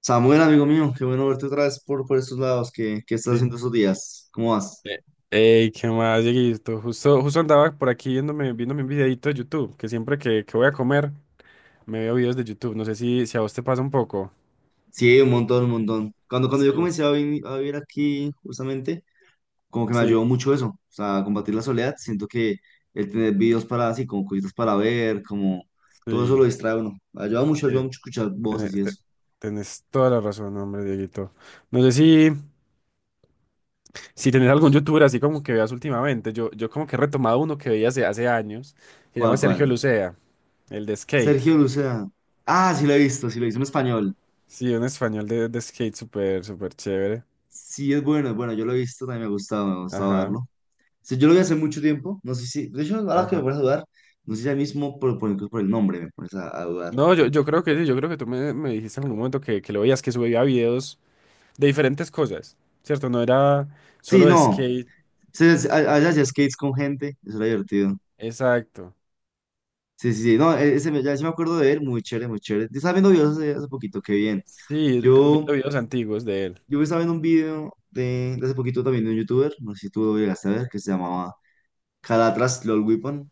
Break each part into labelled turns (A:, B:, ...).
A: Samuel, amigo mío, qué bueno verte otra vez por estos lados. ¿Qué estás
B: Sí.
A: haciendo estos días? ¿Cómo vas?
B: Eh, Ey, ¿qué más, Dieguito? Justo andaba por aquí viéndome un videito de YouTube, que siempre que voy a comer me veo videos de YouTube. No sé si a vos te pasa un poco.
A: Sí, un montón, un montón. Cuando yo
B: Sí,
A: comencé a vivir aquí, justamente, como que me
B: sí,
A: ayudó mucho eso, o sea, combatir la soledad. Siento que el tener videos para así, como cositas para ver, como todo eso lo
B: sí.
A: distrae a uno. Ayuda
B: Eh,
A: mucho escuchar voces y
B: tenés,
A: eso.
B: te- tenés toda la razón, hombre, Dieguito. No sé si tenés algún youtuber así como que veas últimamente. Yo como que he retomado uno que veía hace años, que se llama
A: ¿Cuál,
B: Sergio
A: cuál?
B: Lucea, el de skate.
A: Sergio Lucea. Ah, sí lo he visto, sí lo he visto en español.
B: Sí, un español de skate súper, súper chévere.
A: Sí, es bueno, yo lo he visto, también me ha gustado
B: Ajá,
A: verlo. Sí, yo lo vi hace mucho tiempo, no sé si, de hecho, ahora que me
B: ajá.
A: pones a dudar, no sé si ya mismo por, incluso por el nombre me pones a dudar un
B: No, yo,
A: poco.
B: yo creo que sí, yo creo que tú me dijiste en algún momento que lo veías, que subía videos de diferentes cosas, ¿cierto? No era
A: Sí,
B: solo de
A: no,
B: skate,
A: sí, sí, allá hacía skates con gente, eso era divertido.
B: exacto.
A: Sí, sí, sí, no, ya sí me acuerdo de él, muy chévere, muy chévere. Yo estaba viendo videos hace poquito, qué bien.
B: Sí, viendo
A: Yo,
B: videos antiguos de él.
A: yo estaba viendo un video de hace poquito también de un youtuber, no sé si tú lo llegaste a ver, que se llamaba Calatras LOL Weapon.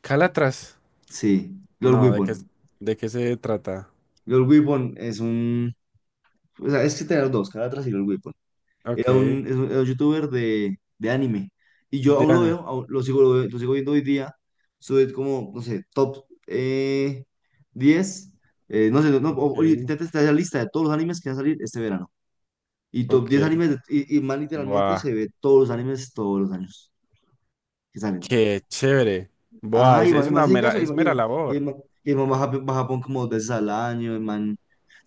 B: Calatras,
A: Sí, LOL
B: no, ¿de qué,
A: Weapon.
B: de qué se trata?
A: LOL Weapon es un, o sea, es que tener dos, Calatras y LOL Weapon.
B: Ok,
A: Era un, era un youtuber de anime. Y yo aún lo
B: Diane,
A: veo, aún lo sigo, lo sigo viendo hoy día. Sube como, no sé, top 10. No sé, no, no, oye,
B: ok,
A: intenta estar la lista de todos los animes que van a salir este verano. Y top 10
B: ok,
A: animes, y más literalmente
B: buah,
A: se ve todos los animes todos los años que salen.
B: qué chévere, buah,
A: Ajá, y
B: es, es
A: más
B: una
A: se dedica
B: mera, es mera
A: Y el
B: labor,
A: man, y el man va a Japón como dos veces al año. El man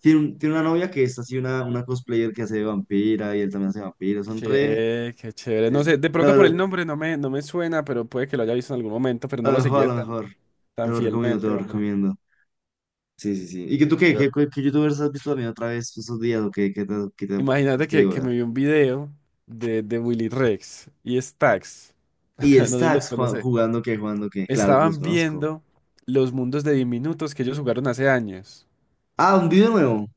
A: tiene una novia que es así una cosplayer que hace de vampira y él también hace vampiro. Son re.
B: qué, qué chévere, no
A: Es,
B: sé, de pronto por el nombre no me suena, pero puede que lo haya visto en algún momento, pero
A: A
B: no
A: lo
B: lo
A: mejor, a
B: seguía
A: lo
B: tan,
A: mejor. Te
B: tan
A: lo recomiendo, te
B: fielmente,
A: lo
B: hombre.
A: recomiendo. Sí, sí, sí. ¿Y que tú qué?
B: Pero
A: ¿Qué youtubers has visto también otra vez estos días o qué te has
B: imagínate que,
A: querido
B: que
A: ver?
B: me vi un video de Willy Rex y Stax.
A: ¿Y
B: No sé si los
A: Stacks,
B: conoce.
A: jugando qué, jugando qué? Claro que los
B: Estaban
A: conozco.
B: viendo los mundos de Diminutos que ellos jugaron hace años.
A: Ah, un video nuevo.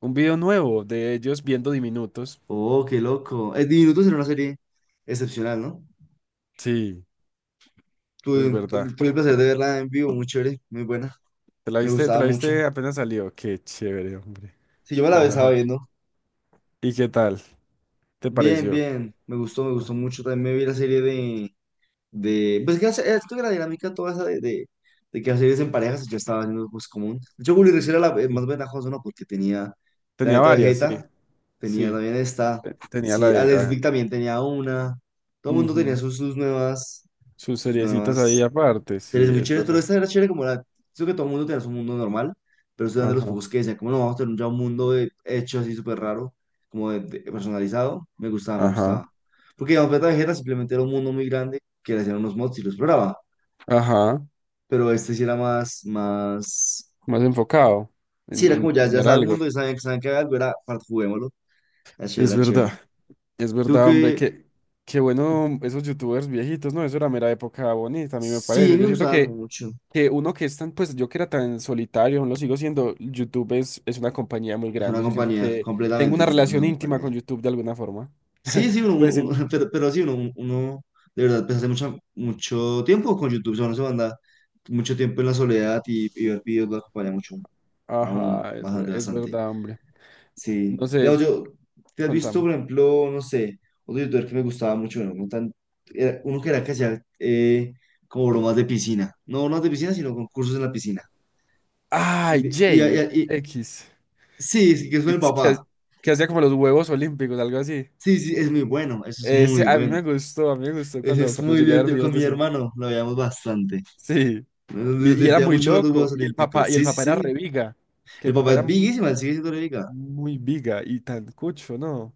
B: Un video nuevo de ellos viendo Diminutos.
A: Oh, qué loco. Es Diminutos era una serie excepcional, ¿no?
B: Sí, es
A: Tuve,
B: verdad.
A: tuve el placer de verla en vivo, muy chévere, muy buena. Me
B: Te
A: gustaba
B: la
A: mucho.
B: viste apenas salió? Qué chévere, hombre.
A: Sí, yo me la estaba viendo.
B: ¿Y qué tal? ¿Te
A: Bien,
B: pareció?
A: bien. Me gustó mucho. También me vi la serie de pues que siento la dinámica toda esa de que hacer en parejas, yo estaba haciendo pues común. De hecho, Gully Rush era la
B: Sí.
A: más ventajosa, ¿no? Porque tenía
B: Tenía
A: Planeta
B: varias, sí.
A: Vegeta, tenía
B: Sí.
A: también esta,
B: Tenía la
A: sí,
B: de...
A: Alex
B: ah,
A: Vic también tenía una, todo el mundo tenía
B: ujú.
A: sus, sus nuevas,
B: Sus
A: sus
B: seriecitas ahí
A: nuevas
B: aparte, sí,
A: series muy
B: es
A: chéveres, pero
B: verdad.
A: esta era chévere como creo que todo el mundo tenía su mundo normal, pero estoy de los
B: Ajá.
A: pocos que decían, como no, vamos a tener ya un mundo hecho así súper raro, como personalizado, me gustaba, me
B: Ajá.
A: gustaba. Porque digamos, Planeta Vegeta simplemente era un mundo muy grande que le hacían unos mods y lo exploraba,
B: Ajá,
A: pero este sí era más, más,
B: más enfocado
A: sí
B: en,
A: era
B: en
A: como ya
B: terminar
A: sabe el
B: algo.
A: mundo, ya saben que hay algo, era, para juguémoslo, era chévere,
B: Es
A: era
B: verdad,
A: chévere.
B: es
A: Tú
B: verdad, hombre,
A: que,
B: que qué bueno esos youtubers viejitos, ¿no? Eso era mera época bonita, a mí me
A: sí,
B: parece. Yo
A: me
B: siento
A: gustaban
B: que,
A: mucho,
B: que uno que es tan, pues yo que era tan solitario, aún lo sigo siendo, YouTube es una compañía muy
A: es una
B: grande. Yo siento
A: compañía,
B: que tengo
A: completamente,
B: una
A: YouTube es una
B: relación íntima
A: compañía.
B: con YouTube de alguna forma.
A: Sí, sí, uno,
B: Pues, en-
A: pero sí, uno de verdad, pues hace mucho, mucho tiempo con YouTube, o sea, uno se manda mucho tiempo en la soledad y ver videos lo acompaña mucho, aún
B: ajá, es, ver-
A: bastante,
B: es
A: bastante.
B: verdad, hombre.
A: Sí,
B: No sé,
A: digamos, ¿te has visto,
B: contame.
A: por ejemplo, no sé, otro youtuber que me gustaba mucho, bueno, no tan- era uno que era que hacía como bromas de piscina, no bromas de piscina, sino concursos en la piscina? Y,
B: Ay,
A: de- y,
B: J
A: y- y-
B: X,
A: sí, sí, que es con el
B: que,
A: papá.
B: ha- que hacía como los huevos olímpicos, algo así.
A: Sí, sí, es muy bueno, eso es muy
B: Ese, a mí
A: bueno.
B: me gustó, a mí me gustó
A: Eso
B: cuando,
A: es
B: cuando
A: muy
B: llegué a ver
A: divertido con
B: videos de
A: mi
B: eso.
A: hermano, lo veíamos bastante.
B: Sí, y,
A: Nos
B: y era
A: divertía
B: muy
A: mucho ver los
B: loco,
A: Juegos
B: y el
A: Olímpicos.
B: papá, y el
A: Sí, sí,
B: papá era
A: sí.
B: reviga, que
A: El
B: el papá
A: papá
B: era
A: es
B: muy,
A: biguísima, sigue siendo re biga.
B: muy viga y tan cucho, ¿no?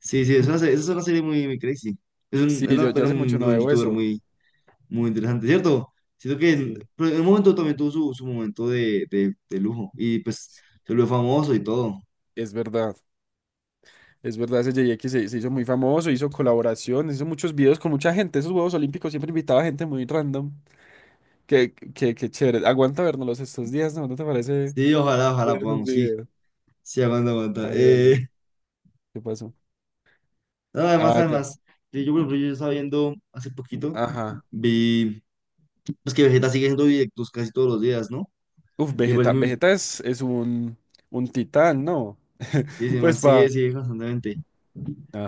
A: Sí, sí, es una serie muy, muy crazy. Es un,
B: Sí, yo, yo
A: pero
B: hace mucho
A: un,
B: no
A: un
B: veo
A: youtuber
B: eso.
A: muy, muy interesante, ¿cierto? Siento que
B: Sí,
A: pero en un momento también tuvo su momento de lujo y pues se volvió famoso y todo.
B: es verdad, es verdad, ese JX se hizo muy famoso, hizo colaboraciones, hizo muchos videos con mucha gente, esos Juegos Olímpicos siempre invitaba gente muy random, que chévere, aguanta vernos estos días, ¿no? ¿No te parece
A: Sí, ojalá, ojalá
B: ver esos
A: podamos, sí.
B: videos?
A: Sí, aguanta, aguanta.
B: Ay, hombre, ¿qué pasó?
A: No, además,
B: Ah, ya,
A: además, sí, yo, por ejemplo, yo estaba viendo hace poquito,
B: ajá.
A: vi, pues que Vegeta sigue haciendo directos casi todos los días, ¿no?
B: Uf,
A: Y me
B: Vegeta.
A: parece
B: Vegeta es un titán, ¿no?
A: sí, sí, además
B: Pues
A: sigue,
B: va.
A: sigue constantemente.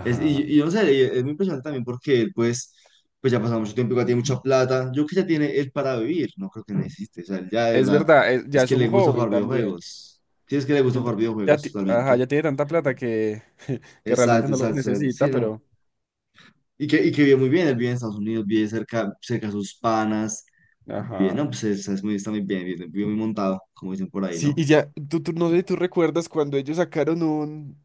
A: Y yo no sé, y es muy impresionante también porque él, pues ya ha pasado mucho tiempo, igual tiene mucha plata. Yo creo que ya tiene él para vivir, no creo que necesite. O sea, él ya de
B: Es
A: verdad,
B: verdad, es- ya
A: es
B: es
A: que
B: un
A: le gusta
B: hobby
A: jugar
B: también.
A: videojuegos. Sí, es que le gusta jugar
B: Ya,
A: videojuegos
B: ajá,
A: totalmente.
B: ya tiene tanta plata que realmente
A: Exacto,
B: no lo
A: exacto, exacto.
B: necesita,
A: Sí, no.
B: pero.
A: Y que vive muy bien, él vive en Estados Unidos, vive cerca, cerca a sus panas. Vive,
B: Ajá.
A: no, pues está muy bien, vive muy montado, como dicen por ahí,
B: Sí,
A: ¿no?
B: y ya, no sé si tú recuerdas cuando ellos sacaron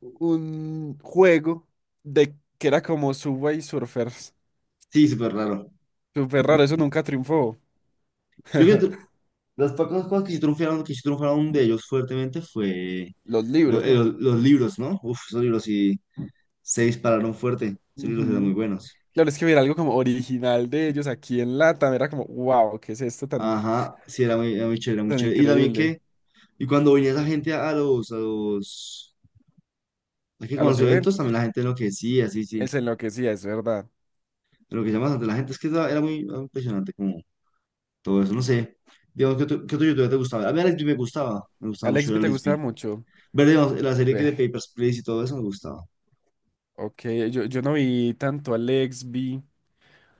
B: un juego de que era como Subway Surfers.
A: Sí, súper raro.
B: Súper raro, eso nunca triunfó.
A: Yo creo que las pocas cosas que sí triunfaron de ellos fuertemente fue
B: Los
A: lo-
B: libros,
A: eh,
B: ¿no?
A: los, los libros, ¿no? Uf, esos libros sí se dispararon fuerte. Esos libros eran muy
B: Ujú.
A: buenos.
B: Claro, es que ver algo como original de ellos aquí en Latam era como, wow, ¿qué es esto tan, incre-
A: Ajá, sí, era muy chévere, era muy
B: tan
A: chévere. Y también
B: increíble?
A: y cuando venía esa gente a los, a que
B: A
A: con
B: los
A: los eventos,
B: eventos.
A: también la gente enloquecía, sí, sí.
B: Es se enloquecía, es verdad.
A: Enloquecía bastante la gente, es que era muy era impresionante como todo eso, no sé. Digamos, ¿qué otro youtuber te gustaba? A mí Alex B me
B: A
A: gustaba mucho el
B: Lexby te
A: Alex
B: gustaba
A: B.
B: mucho.
A: Ver, digamos, la serie que
B: Ve,
A: de Papers, Please y todo eso me gustaba.
B: ok, yo no vi tanto a Lexby.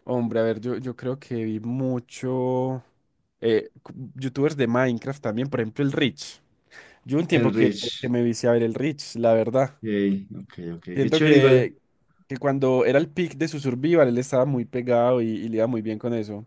B: Hombre, a ver, yo creo que vi mucho youtubers de Minecraft también, por ejemplo, el Rich. Yo un tiempo
A: El
B: que
A: Rich.
B: me vicié a ver el Rich, la verdad.
A: Ey, ok, ok, qué
B: Siento
A: chévere, igual,
B: que cuando era el peak de su survival, él estaba muy pegado y le iba muy bien con eso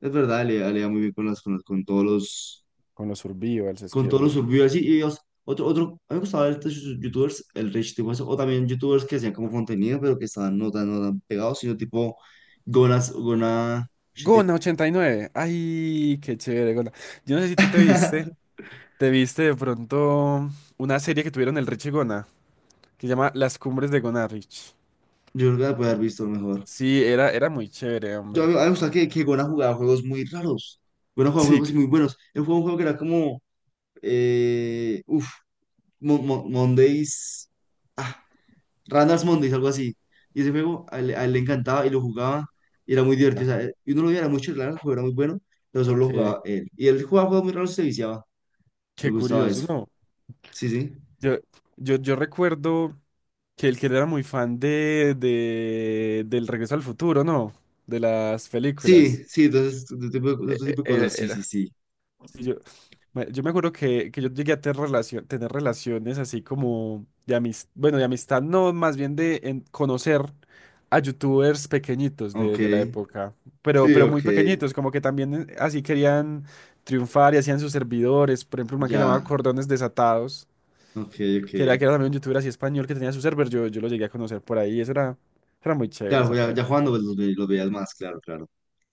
A: es verdad, da le da muy bien con con todos los,
B: con los survivals, es
A: con
B: que
A: todos los
B: uf,
A: survivors, y, o sea, otro, a mí me gustaba ver estos youtubers, el rich tipo eso, o también youtubers que hacían como contenido, pero que estaban no tan, no tan pegados, sino tipo, Gona, Shite-
B: Gona89, ay, qué chévere, Gona. Yo no sé si tú te viste, te viste de pronto una serie que tuvieron el Rich y Gona, que se llama Las Cumbres de Gona Rich.
A: yo creo que la puede haber visto mejor,
B: Sí, era, era muy chévere,
A: yo, a
B: hombre.
A: mí, a mí me gusta que Gona jugaba juegos muy raros, Gona jugaba
B: Sí,
A: juegos
B: que-
A: muy buenos, él jugaba un juego que era como, eh, uff, Mondays, ah, Randas Mondays, algo así. Y ese juego a él le encantaba y lo jugaba y era muy divertido. O
B: ajá.
A: sea, y uno lo veía, era muy chévere, el juego era muy bueno, pero solo lo
B: Ok,
A: jugaba él. Y él jugaba juegos muy raros se viciaba. Me
B: qué
A: gustaba
B: curioso,
A: eso.
B: ¿no?
A: Sí, sí.
B: Yo, yo recuerdo que el que era muy fan de, del Regreso al Futuro, ¿no? De las
A: Sí,
B: películas.
A: sí, entonces, este tipo de,
B: E-
A: este
B: e-
A: tipo de
B: Era,
A: cosas. Sí, sí,
B: era-
A: sí.
B: Sí, yo me acuerdo que yo llegué a tener, tener relaciones así como de amistad, bueno, de amistad no, más bien de conocer a youtubers pequeñitos
A: Ok.
B: de la época, pero,
A: Sí,
B: pero muy
A: ok.
B: pequeñitos, como que también así querían triunfar y hacían sus servidores, por ejemplo, un man que llamaba
A: Ya.
B: Cordones Desatados,
A: Ok, ok.
B: que era también un youtuber así español que tenía su server, yo lo llegué a conocer por ahí, eso era, era muy chévere
A: Claro,
B: esa
A: ya
B: práctica.
A: jugando pues, los veías más, claro, claro.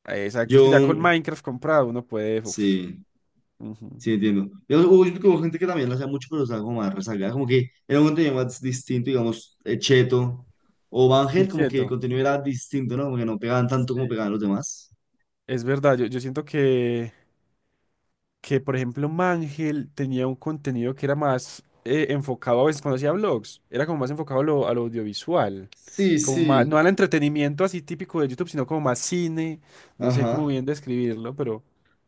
B: Exacto,
A: Yo,
B: es que ya con Minecraft comprado uno puede, uff,
A: sí.
B: ujú,
A: Sí, entiendo. Yo creo que hubo gente que también lo hacía mucho, pero estaba como más rezagada. Como que era un contenido más distinto, digamos, Cheto o ángel como que el
B: inquieto.
A: contenido era distinto, ¿no? Como que no pegaban tanto como pegaban los demás.
B: Es verdad, yo siento que, por ejemplo, Mangel tenía un contenido que era más enfocado a veces cuando hacía vlogs, era como más enfocado a lo audiovisual,
A: Sí,
B: como más,
A: sí.
B: no al entretenimiento así típico de YouTube, sino como más cine, no sé cómo
A: Ajá.
B: bien describirlo, pero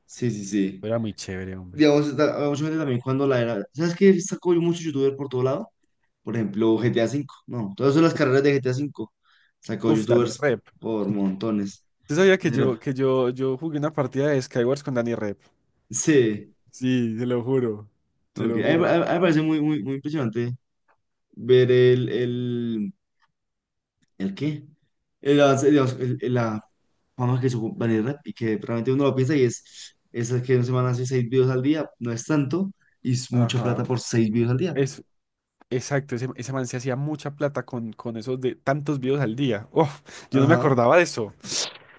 A: Sí, sí, sí.
B: era muy chévere, hombre.
A: Digamos, había mucha gente también cuando la era. ¿Sabes qué? Sacó mucho youtuber por todo lado. Por ejemplo,
B: ¿Qué?
A: GTA V. No, todas son las carreras de GTA V. Sacó
B: Uf, Danny
A: youtubers
B: Rep.
A: por montones.
B: ¿Tú sabías que yo,
A: Era-
B: que yo, yo jugué una partida de Skywars con Danny Rep?
A: Sí.
B: Sí, se lo juro, se
A: Ok. A mí,
B: lo
A: a mí-
B: juro.
A: a mí me parece muy, muy, muy impresionante ver ¿el qué? El avance, digamos, la fama que supo Vanity Rap y que realmente uno lo piensa y es el que una semana hace seis videos al día, no es tanto, y es mucha plata
B: Ajá.
A: por seis videos al día.
B: Es, Exacto, ese man se hacía mucha plata con esos de tantos videos al día. Uf, yo no me
A: Ajá,
B: acordaba de eso.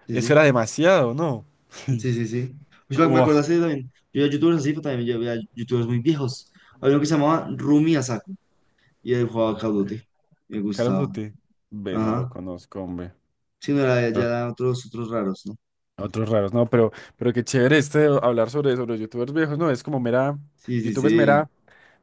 A: sí,
B: Eso
A: sí,
B: era demasiado, ¿no?
A: sí, sí, sí. Pues me
B: Wow.
A: acuerdo así también, yo era youtubers así, pero también yo veía youtubers muy viejos. Había uno que se llamaba Rumi Asako, y él jugaba Call of
B: Ok.
A: Duty, me
B: Call of
A: gustaba.
B: Duty. Ve, no lo
A: Ajá,
B: conozco, hombre.
A: sí, no era, ya
B: Pero
A: eran otros raros, ¿no?
B: otros raros, no, pero qué chévere este de hablar sobre los youtubers viejos, ¿no? Es como mera,
A: Sí, sí,
B: YouTube es
A: sí,
B: mera,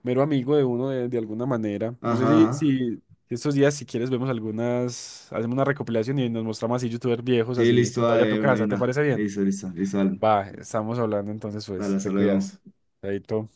B: mero amigo de uno de alguna manera. No sé si,
A: ajá, ajá.
B: si estos días, si quieres, vemos algunas, hacemos una recopilación y nos mostramos así youtubers viejos,
A: Sí,
B: así
A: listo,
B: cuando vaya a tu
A: dale, una y
B: casa. ¿Te
A: una.
B: parece bien?
A: Listo, listo, listo, dale,
B: Va, estamos hablando entonces,
A: dale,
B: pues,
A: hasta
B: te
A: luego.
B: cuidas. Chaito.